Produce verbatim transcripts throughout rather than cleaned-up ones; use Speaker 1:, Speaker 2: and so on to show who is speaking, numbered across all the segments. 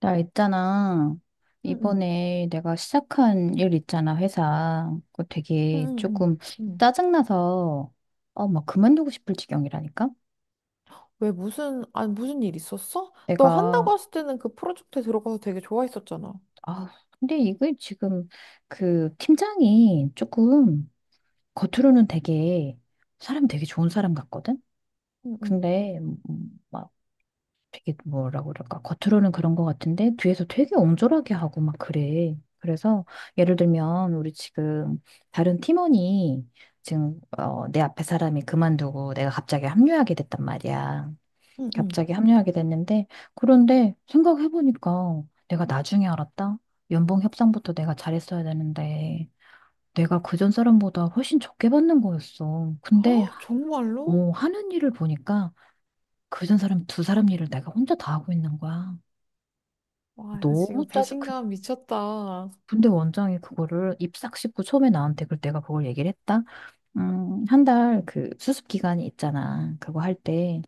Speaker 1: 나 있잖아.
Speaker 2: 응응
Speaker 1: 이번에 내가 시작한 일 있잖아, 회사. 그거 되게
Speaker 2: 응응응 응. 응,
Speaker 1: 조금
Speaker 2: 응. 응.
Speaker 1: 짜증나서, 어, 막 그만두고 싶을 지경이라니까?
Speaker 2: 왜 무슨 아니 무슨 일 있었어? 너 한다고
Speaker 1: 내가,
Speaker 2: 했을 때는 그 프로젝트에 들어가서 되게 좋아했었잖아.
Speaker 1: 아, 근데 이게 지금 그 팀장이 조금 겉으로는 되게 사람 되게 좋은 사람 같거든?
Speaker 2: 응응
Speaker 1: 근데, 음, 막 되게 뭐라고 그럴까 겉으로는 그런 것 같은데 뒤에서 되게 옹졸하게 하고 막 그래. 그래서 예를 들면 우리 지금 다른 팀원이 지금 어, 내 앞에 사람이 그만두고 내가 갑자기 합류하게 됐단 말이야.
Speaker 2: 응응.
Speaker 1: 갑자기 합류하게 됐는데 그런데 생각해보니까 내가 나중에 알았다. 연봉 협상부터 내가 잘했어야 되는데 내가 그전 사람보다 훨씬 적게 받는 거였어.
Speaker 2: 아
Speaker 1: 근데
Speaker 2: 정말로?
Speaker 1: 오, 하는 일을 보니까 그전 사람 두 사람 일을 내가 혼자 다 하고 있는 거야.
Speaker 2: 와 이거
Speaker 1: 너무
Speaker 2: 지금
Speaker 1: 짜증, 그-
Speaker 2: 배신감 미쳤다.
Speaker 1: 근데 원장이 그거를 입싹 씹고 처음에 나한테 그 내가 그걸 얘기를 했다. 음, 한 달 그 수습 기간이 있잖아. 그거 할 때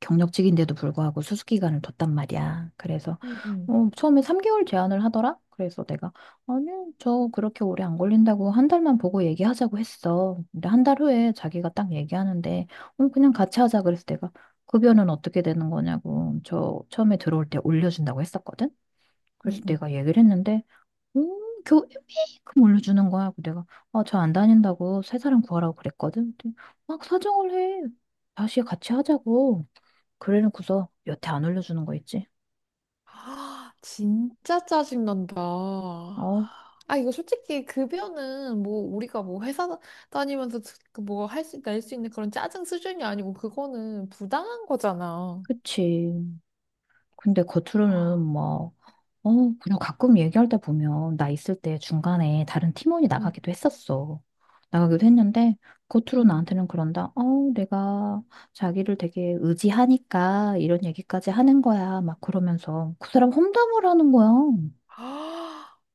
Speaker 1: 경력직인데도 불구하고 수습 기간을 뒀단 말이야. 그래서
Speaker 2: 응응
Speaker 1: 어, 처음에 삼 개월 제한을 하더라. 그래서 내가 아니, 저 그렇게 오래 안 걸린다고 한 달만 보고 얘기하자고 했어. 근데 한 달 후에 자기가 딱 얘기하는데 어, 그냥 같이 하자 그래서 내가 급여는 어떻게 되는 거냐고 저 처음에 들어올 때 올려준다고 했었거든. 그래서
Speaker 2: 응응.
Speaker 1: 내가 얘기를 했는데 음, 교회 메이크큼 올려주는 거야. 그래서 내가, 아, 저 안 다닌다고 새 사람 구하라고 그랬거든. 근데 막 사정을 해. 다시 같이 하자고. 그래놓고서 여태 안 올려주는 거 있지.
Speaker 2: 아 진짜 짜증 난다.
Speaker 1: 어,
Speaker 2: 아 이거 솔직히 급여는 뭐 우리가 뭐 회사 다니면서 뭐 할 수 낼 수 있는 그런 짜증 수준이 아니고 그거는 부당한 거잖아.
Speaker 1: 그치. 근데 겉으로는
Speaker 2: 아,
Speaker 1: 뭐, 어, 그냥 가끔 얘기할 때 보면 나 있을 때 중간에 다른 팀원이
Speaker 2: 응,
Speaker 1: 나가기도 했었어. 나가기도 했는데 겉으로
Speaker 2: 응.
Speaker 1: 나한테는 그런다. 어, 내가 자기를 되게 의지하니까 이런 얘기까지 하는 거야. 막 그러면서 그 사람 험담을 하는 거야.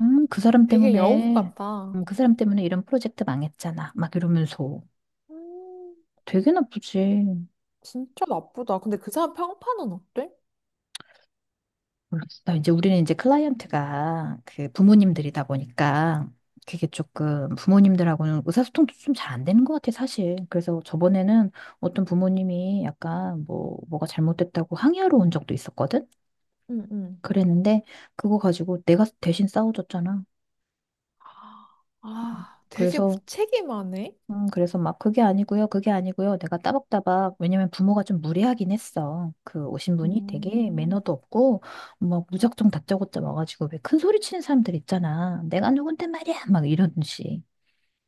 Speaker 1: 음, 그 사람
Speaker 2: 되게 여우
Speaker 1: 때문에,
Speaker 2: 같다.
Speaker 1: 음, 그 사람 때문에 이런 프로젝트 망했잖아. 막 이러면서
Speaker 2: 음,
Speaker 1: 되게 나쁘지.
Speaker 2: 진짜 나쁘다. 근데 그 사람 평판은 어때?
Speaker 1: 모르겠어. 이제 우리는 이제 클라이언트가 그
Speaker 2: 음.
Speaker 1: 부모님들이다 보니까 그게 조금 부모님들하고는 의사소통도 좀 잘 안 되는 것 같아, 사실. 그래서 저번에는 어떤 부모님이 약간 뭐, 뭐가 잘못됐다고 항의하러 온 적도 있었거든?
Speaker 2: 응, 응.
Speaker 1: 그랬는데 그거 가지고 내가 대신 싸워줬잖아.
Speaker 2: 아, 되게
Speaker 1: 그래서
Speaker 2: 무책임하네.
Speaker 1: 음, 그래서 막 그게 아니고요, 그게 아니고요. 내가 따박따박, 왜냐면 부모가 좀 무례하긴 했어. 그 오신 분이 되게
Speaker 2: 음,
Speaker 1: 매너도 없고, 뭐 무작정 다짜고짜 와가지고 왜 큰 소리 치는 사람들 있잖아. 내가 누군데 말이야! 막 이런 식.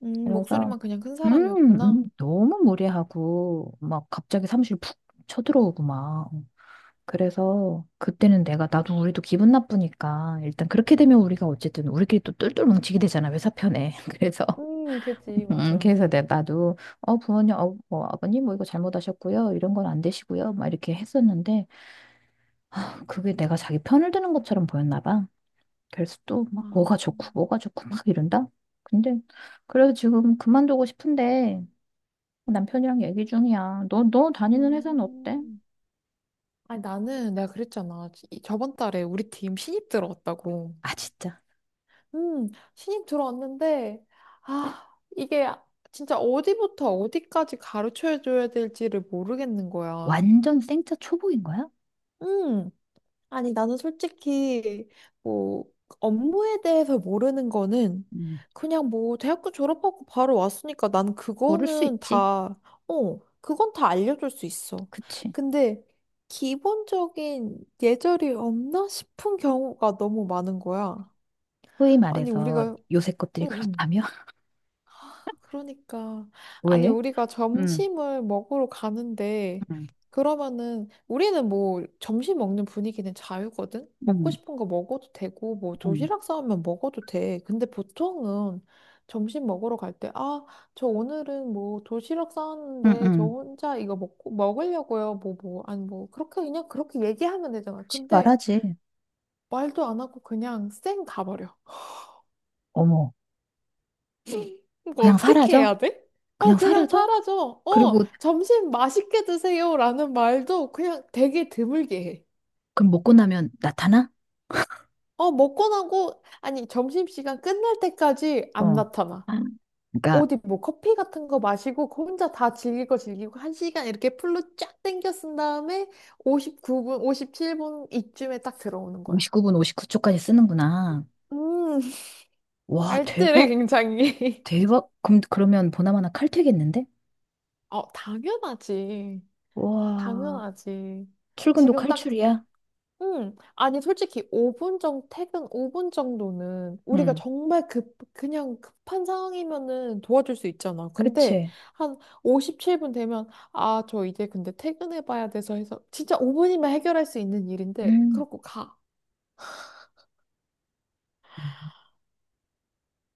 Speaker 2: 음,
Speaker 1: 그래서,
Speaker 2: 목소리만 그냥 큰
Speaker 1: 음,
Speaker 2: 사람이었구나.
Speaker 1: 음, 너무 무례하고, 막 갑자기 사무실 푹 쳐들어오고 막. 그래서 그때는 내가 나도 우리도 기분 나쁘니까 일단 그렇게 되면 우리가 어쨌든 우리끼리 또 똘똘 뭉치게 되잖아 회사 편에 그래서
Speaker 2: 음, 그지,
Speaker 1: 음,
Speaker 2: 맞아.
Speaker 1: 그래서 내 나도 어 부모님 어, 뭐 아버님 뭐 이거 잘못하셨고요 이런 건 안 되시고요 막 이렇게 했었는데 그게 내가 자기 편을 드는 것처럼 보였나 봐. 그래서 또 막
Speaker 2: 아,
Speaker 1: 뭐가 좋고 뭐가 좋고 막 이런다. 근데 그래서 지금 그만두고 싶은데 남편이랑 얘기 중이야. 너 너 다니는 회사는 어때?
Speaker 2: 음. 아니, 나는 내가 그랬잖아. 이- 저번 달에 우리 팀 신입 들어왔다고.
Speaker 1: 아 진짜.
Speaker 2: 음, 신입 들어왔는데, 아, 이게 진짜 어디부터 어디까지 가르쳐줘야 될지를 모르겠는 거야.
Speaker 1: 완전 생짜 초보인 거야?
Speaker 2: 음, 아니, 나는 솔직히, 뭐, 업무에 대해서 모르는 거는
Speaker 1: 음.
Speaker 2: 그냥 뭐, 대학교 졸업하고 바로 왔으니까 난
Speaker 1: 모를 수
Speaker 2: 그거는
Speaker 1: 있지.
Speaker 2: 다, 어, 그건 다 알려줄 수 있어.
Speaker 1: 그치.
Speaker 2: 근데, 기본적인 예절이 없나 싶은 경우가 너무 많은 거야.
Speaker 1: 소위
Speaker 2: 아니,
Speaker 1: 말해서
Speaker 2: 우리가,
Speaker 1: 요새 것들이
Speaker 2: 응, 응.
Speaker 1: 그렇다며.
Speaker 2: 그러니까 아니
Speaker 1: 왜?
Speaker 2: 우리가
Speaker 1: 음,
Speaker 2: 점심을 먹으러 가는데
Speaker 1: 음,
Speaker 2: 그러면은 우리는 뭐 점심 먹는 분위기는 자유거든. 먹고
Speaker 1: 음,
Speaker 2: 싶은 거 먹어도 되고 뭐
Speaker 1: 음,
Speaker 2: 도시락 싸우면 먹어도 돼. 근데 보통은 점심 먹으러 갈 때 아, 저 오늘은 뭐 도시락
Speaker 1: 음,
Speaker 2: 싸왔는데 저
Speaker 1: 음.
Speaker 2: 혼자 이거 먹고 먹으려고요. 뭐 뭐 아니 뭐 그렇게 그냥 그렇게 얘기하면 되잖아. 근데
Speaker 1: 말하지.
Speaker 2: 말도 안 하고 그냥 쌩 가버려.
Speaker 1: 어머,
Speaker 2: 이거
Speaker 1: 그냥
Speaker 2: 어떻게
Speaker 1: 사라져?
Speaker 2: 해야 돼? 어,
Speaker 1: 그냥
Speaker 2: 그냥
Speaker 1: 사라져?
Speaker 2: 사라져. 어,
Speaker 1: 그리고
Speaker 2: 점심 맛있게 드세요. 라는 말도 그냥 되게 드물게 해.
Speaker 1: 그럼 먹고 나면 나타나?
Speaker 2: 어, 먹고 나고, 아니, 점심시간 끝날 때까지 안
Speaker 1: 어.
Speaker 2: 나타나.
Speaker 1: 아, 그러니까
Speaker 2: 어디 뭐 커피 같은 거 마시고 그 혼자 다 즐기고 즐기고 한 시간 이렇게 풀로 쫙 땡겨 쓴 다음에 오십구 분, 오십칠 분 이쯤에 딱 들어오는 거야.
Speaker 1: 오십구 분 오십구 초까지 쓰는구나.
Speaker 2: 음,
Speaker 1: 와,
Speaker 2: 알뜰해,
Speaker 1: 대박.
Speaker 2: 굉장히.
Speaker 1: 대박. 그럼 그러면 보나마나 칼퇴겠는데?
Speaker 2: 어, 당연하지.
Speaker 1: 와,
Speaker 2: 당연하지.
Speaker 1: 출근도
Speaker 2: 지금 딱
Speaker 1: 칼출이야.
Speaker 2: 음, 아니, 솔직히 오 분 정도, 퇴근 오 분 정도는 우리가
Speaker 1: 응.
Speaker 2: 정말 급, 그냥 급한 상황이면은 도와줄 수 있잖아. 근데
Speaker 1: 그치?
Speaker 2: 한 오십칠 분 되면, 아, 저 이제 근데 퇴근해봐야 돼서 해서 진짜 오 분이면 해결할 수 있는 일인데,
Speaker 1: 음.
Speaker 2: 그러고 가.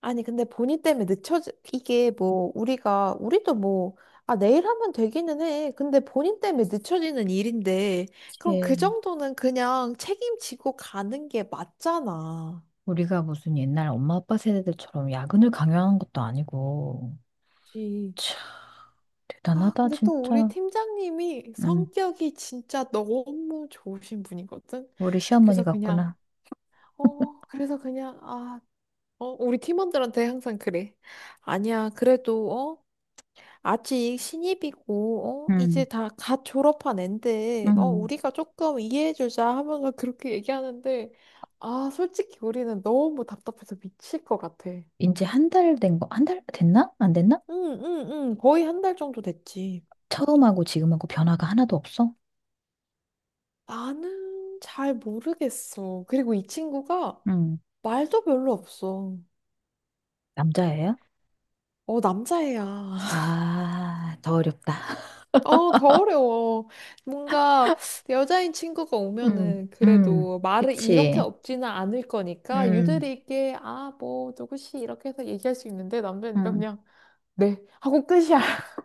Speaker 2: 아니, 근데 본인 때문에 늦춰지, 이게 뭐, 우리가, 우리도 뭐, 아, 내일 하면 되기는 해. 근데 본인 때문에 늦춰지는 일인데, 그럼 그
Speaker 1: 그치.
Speaker 2: 정도는 그냥 책임지고 가는 게 맞잖아.
Speaker 1: 우리가 무슨 옛날 엄마 아빠 세대들처럼 야근을 강요하는 것도 아니고.
Speaker 2: 그치.
Speaker 1: 참,
Speaker 2: 아,
Speaker 1: 대단하다,
Speaker 2: 근데 또 우리
Speaker 1: 진짜.
Speaker 2: 팀장님이
Speaker 1: 응.
Speaker 2: 성격이 진짜 너무 좋으신 분이거든.
Speaker 1: 우리 시어머니
Speaker 2: 그래서 그냥,
Speaker 1: 같구나.
Speaker 2: 어, 그래서 그냥, 아, 어, 우리 팀원들한테 항상 그래. 아니야, 그래도, 어, 아직 신입이고, 어, 이제
Speaker 1: 응.
Speaker 2: 다 갓 졸업한 앤데, 어,
Speaker 1: 응.
Speaker 2: 우리가 조금 이해해주자 하면서 그렇게 얘기하는데, 아, 솔직히 우리는 너무 답답해서 미칠 것 같아.
Speaker 1: 이제 한 달 된 거, 한 달 됐나? 안 됐나?
Speaker 2: 응, 응, 응, 거의 한 달 정도 됐지.
Speaker 1: 처음하고 지금하고 변화가 하나도 없어?
Speaker 2: 나는 잘 모르겠어. 그리고 이 친구가
Speaker 1: 음.
Speaker 2: 말도 별로 없어.
Speaker 1: 남자예요?
Speaker 2: 어, 남자애야.
Speaker 1: 아, 더 어렵다.
Speaker 2: 어, 더 어려워. 뭔가 여자인 친구가
Speaker 1: 음,
Speaker 2: 오면은
Speaker 1: 음,
Speaker 2: 그래도 말을 이렇게
Speaker 1: 그치.
Speaker 2: 없지는 않을 거니까
Speaker 1: 음,
Speaker 2: 유들이 있게 아, 뭐, 누구씨 이렇게 해서 얘기할 수 있는데 남자니까
Speaker 1: 음.
Speaker 2: 그냥 네 하고 끝이야.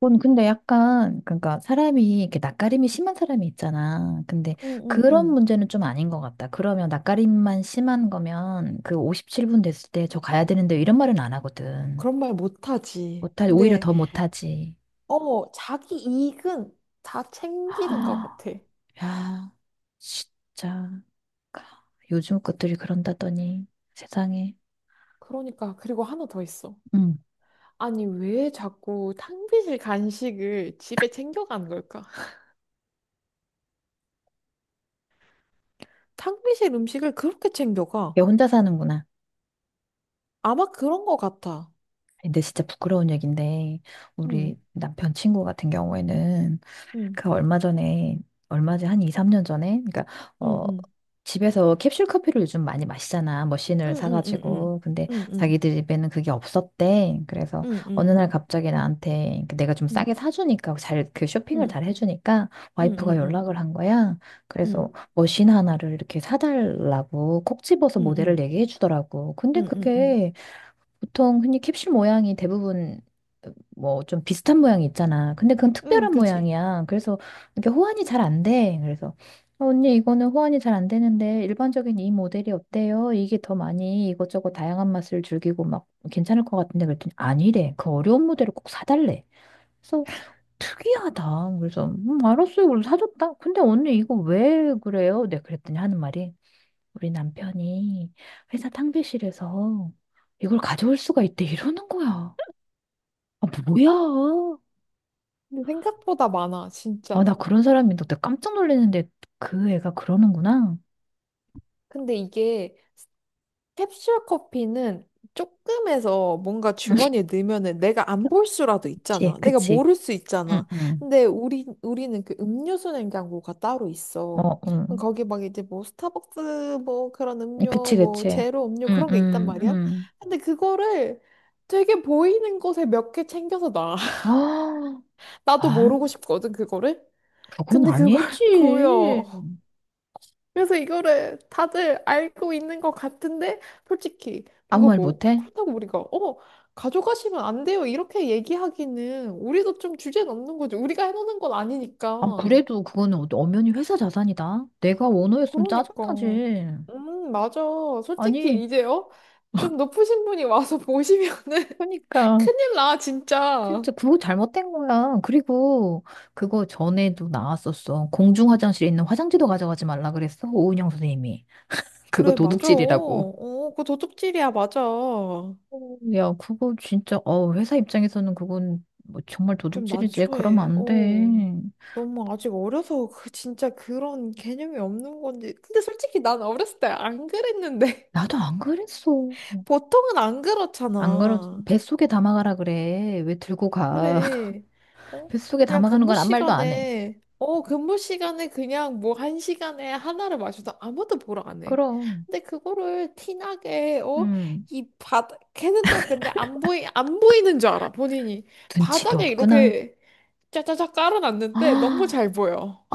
Speaker 1: 그건 근데 약간, 그러니까 사람이 이렇게 낯가림이 심한 사람이 있잖아. 근데
Speaker 2: 응, 응,
Speaker 1: 그런
Speaker 2: 응.
Speaker 1: 문제는 좀 아닌 것 같다. 그러면 낯가림만 심한 거면 그 오십칠 분 됐을 때 저 가야 되는데 이런 말은 안 하거든.
Speaker 2: 그런 말 못하지.
Speaker 1: 못하, 오히려
Speaker 2: 근데
Speaker 1: 더 못하지.
Speaker 2: 어, 자기 이익은 다 챙기는 것 같아.
Speaker 1: 야, 진짜. 그러니까 요즘 것들이 그런다더니 세상에.
Speaker 2: 그러니까 그리고 하나 더 있어.
Speaker 1: 응.
Speaker 2: 아니, 왜 자꾸 탕비실 간식을 집에 챙겨가는 걸까? 탕비실 음식을 그렇게 챙겨가?
Speaker 1: 얘 혼자 사는구나.
Speaker 2: 아마 그런 거 같아.
Speaker 1: 근데 진짜 부끄러운 얘긴데
Speaker 2: 응,
Speaker 1: 우리 남편 친구 같은 경우에는
Speaker 2: 응,
Speaker 1: 그 얼마 전에 얼마지 한 이, 삼 년 전에 그러니까
Speaker 2: 응,
Speaker 1: 어
Speaker 2: 응,
Speaker 1: 집에서 캡슐 커피를 요즘 많이 마시잖아. 머신을
Speaker 2: 응, 응, 응, 응,
Speaker 1: 사가지고. 근데
Speaker 2: 응, 응,
Speaker 1: 자기들 집에는 그게 없었대. 그래서
Speaker 2: 응, 응, 응,
Speaker 1: 어느 날
Speaker 2: 응,
Speaker 1: 갑자기 나한테 그 내가 좀 싸게 사주니까 잘 그
Speaker 2: 응,
Speaker 1: 쇼핑을
Speaker 2: 응,
Speaker 1: 잘 해주니까
Speaker 2: 응, 응, 응,
Speaker 1: 와이프가
Speaker 2: 응, 응,
Speaker 1: 연락을 한 거야. 그래서 머신 하나를 이렇게 사달라고 콕 집어서 모델을 얘기해 주더라고. 근데
Speaker 2: 응, 응, 응,
Speaker 1: 그게 보통 흔히 캡슐 모양이 대부분 뭐 좀 비슷한 모양이 있잖아. 근데 그건
Speaker 2: 응,
Speaker 1: 특별한
Speaker 2: 그지.
Speaker 1: 모양이야. 그래서 이렇게 호환이 잘 안 돼. 그래서 어, 언니 이거는 호환이 잘 안 되는데 일반적인 이 모델이 어때요? 이게 더 많이 이것저것 다양한 맛을 즐기고 막 괜찮을 것 같은데 그랬더니 아니래. 그 어려운 모델을 꼭 사달래. 그래서 특이하다. 그래서 음, 알았어요. 그래서 사줬다. 근데 언니 이거 왜 그래요? 내가 그랬더니 하는 말이 우리 남편이 회사 탕비실에서 이걸 가져올 수가 있대 이러는 거야. 아, 뭐야?
Speaker 2: 근데 생각보다 많아,
Speaker 1: 아, 나
Speaker 2: 진짜.
Speaker 1: 그런 사람인데 나 깜짝 놀랐는데 그 애가 그러는구나.
Speaker 2: 근데 이게 캡슐 커피는 조금해서 뭔가
Speaker 1: 응,
Speaker 2: 주머니에 넣으면은 내가 안 볼 수라도
Speaker 1: 그치,
Speaker 2: 있잖아. 내가
Speaker 1: 그치.
Speaker 2: 모를 수 있잖아.
Speaker 1: 응, 응.
Speaker 2: 근데 우리 우리는 그 음료수 냉장고가 따로 있어.
Speaker 1: 어,
Speaker 2: 그럼
Speaker 1: 응.
Speaker 2: 거기 막 이제 뭐 스타벅스 뭐 그런 음료
Speaker 1: 그치,
Speaker 2: 뭐
Speaker 1: 그치.
Speaker 2: 제로 음료
Speaker 1: 응,
Speaker 2: 그런 게 있단
Speaker 1: 응,
Speaker 2: 말이야.
Speaker 1: 응.
Speaker 2: 근데 그거를 되게 보이는 곳에 몇 개 챙겨서 놔.
Speaker 1: 아,
Speaker 2: 나도
Speaker 1: 아,
Speaker 2: 모르고 싶거든 그거를.
Speaker 1: 그건
Speaker 2: 근데 그걸
Speaker 1: 아니지.
Speaker 2: 보여. 그래서 이거를 다들 알고 있는 것 같은데, 솔직히,
Speaker 1: 아무
Speaker 2: 이거
Speaker 1: 말
Speaker 2: 뭐,
Speaker 1: 못해?
Speaker 2: 그렇다고 우리가, 어, 가져가시면 안 돼요. 이렇게 얘기하기는, 우리도 좀 주제 넘는 거지. 우리가 해놓는 건
Speaker 1: 아,
Speaker 2: 아니니까.
Speaker 1: 그래도 그거는 어- 엄연히 회사 자산이다. 내가 오너였으면
Speaker 2: 그러니까.
Speaker 1: 짜증나지.
Speaker 2: 음, 맞아.
Speaker 1: 아니,
Speaker 2: 솔직히, 이제, 요좀 높으신 분이 와서 보시면은
Speaker 1: 그러니까
Speaker 2: 큰일 나, 진짜.
Speaker 1: 진짜 그거 잘못된 거야. 그리고 그거 전에도 나왔었어. 공중 화장실에 있는 화장지도 가져가지 말라 그랬어. 오은영 선생님이. 그거
Speaker 2: 그래, 맞아.
Speaker 1: 도둑질이라고.
Speaker 2: 어, 그거 도둑질이야, 맞아.
Speaker 1: 어, 야, 그거 진짜, 어, 회사 입장에서는 그건 뭐 정말
Speaker 2: 좀
Speaker 1: 도둑질이지. 그러면
Speaker 2: 난처해.
Speaker 1: 안
Speaker 2: 어.
Speaker 1: 돼.
Speaker 2: 너무 아직 어려서 그 진짜 그런 개념이 없는 건지. 근데 솔직히 난 어렸을 때 안 그랬는데.
Speaker 1: 나도 안 그랬어.
Speaker 2: 보통은 안
Speaker 1: 안 그러,
Speaker 2: 그렇잖아.
Speaker 1: 뱃속에 담아가라 그래. 왜 들고 가?
Speaker 2: 그래. 어?
Speaker 1: 뱃속에
Speaker 2: 그냥
Speaker 1: 담아가는
Speaker 2: 근무
Speaker 1: 건 아무 말도 안 해.
Speaker 2: 시간에, 어, 근무 시간에 그냥 뭐 한 시간에 하나를 마셔도 아무도 보러 안 해.
Speaker 1: 그럼,
Speaker 2: 근데 그거를 티나게, 어?
Speaker 1: 음,
Speaker 2: 이 바닥, 걔는 또 근데 안 보이, 안 보이는 줄 알아, 본인이.
Speaker 1: 눈치도
Speaker 2: 바닥에
Speaker 1: 없구나.
Speaker 2: 이렇게 짜자자 깔아놨는데 너무
Speaker 1: 아,
Speaker 2: 잘 보여.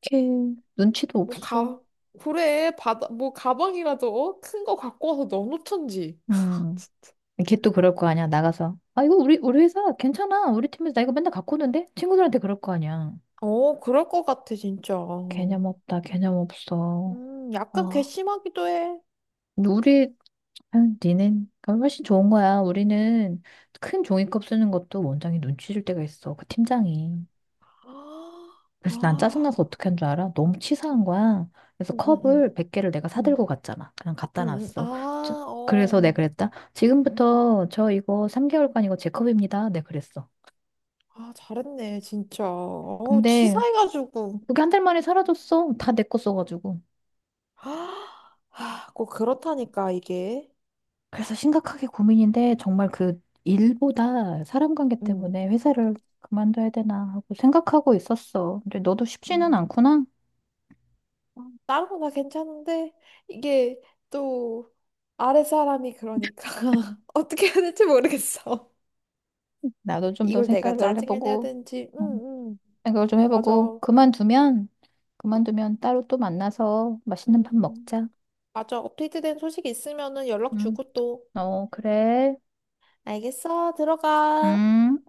Speaker 1: 어떡해. 눈치도
Speaker 2: 뭐
Speaker 1: 없어.
Speaker 2: 가, 그래, 바다, 뭐 가방이라도 큰 거 갖고 와서 넣어놓던지.
Speaker 1: 음. 걔 또 그럴 거 아니야, 나가서. 아, 이거 우리, 우리 회사 괜찮아. 우리 팀에서 나 이거 맨날 갖고 오는데? 친구들한테 그럴 거 아니야.
Speaker 2: 어, 그럴 것 같아, 진짜.
Speaker 1: 개념 없다, 개념 없어.
Speaker 2: 음, 약간
Speaker 1: 어,
Speaker 2: 괘씸하기도 해.
Speaker 1: 근데 우리, 아, 니는 훨씬 좋은 거야. 우리는 큰 종이컵 쓰는 것도 원장이 눈치 줄 때가 있어. 그 팀장이.
Speaker 2: 아,
Speaker 1: 그래서 난
Speaker 2: 아,
Speaker 1: 짜증나서 어떻게 한 줄 알아? 너무
Speaker 2: 응,
Speaker 1: 치사한 거야. 그래서
Speaker 2: 응, 응,
Speaker 1: 컵을 백 개를 내가 사들고
Speaker 2: 응,
Speaker 1: 갔잖아. 그냥 갖다
Speaker 2: 응, 응. 아,
Speaker 1: 놨어. 저- 그래서
Speaker 2: 어,
Speaker 1: 내가 그랬다. 지금부터 저 이거 삼 개월간 이거 제 컵입니다. 내가 그랬어.
Speaker 2: 아, 잘했네, 진짜. 어,
Speaker 1: 근데
Speaker 2: 치사해가지고.
Speaker 1: 그게 한 달 만에 사라졌어. 다 내 거 써가지고.
Speaker 2: 아, 아, 꼭 그렇다니까, 이게.
Speaker 1: 그래서 심각하게 고민인데 정말 그 일보다 사람 관계
Speaker 2: 응.
Speaker 1: 때문에 회사를 그만둬야 되나 하고 생각하고 있었어. 근데 너도 쉽지는 않구나.
Speaker 2: 다른 거 다 괜찮은데 이게 또 아랫사람이 그러니까 어떻게 해야 될지 모르겠어.
Speaker 1: 나도 좀 더
Speaker 2: 이걸 내가
Speaker 1: 생각을
Speaker 2: 짜증을 내야
Speaker 1: 해보고,
Speaker 2: 되는지. 응,
Speaker 1: 음,
Speaker 2: 응.
Speaker 1: 생각을 좀
Speaker 2: 맞아.
Speaker 1: 해보고, 그만두면, 그만두면 따로 또 만나서 맛있는
Speaker 2: 응,
Speaker 1: 밥
Speaker 2: 응.
Speaker 1: 먹자.
Speaker 2: 맞아. 업데이트된 소식 있으면은 연락
Speaker 1: 응,
Speaker 2: 주고 또.
Speaker 1: 어, 그래.
Speaker 2: 알겠어. 들어가.
Speaker 1: 음.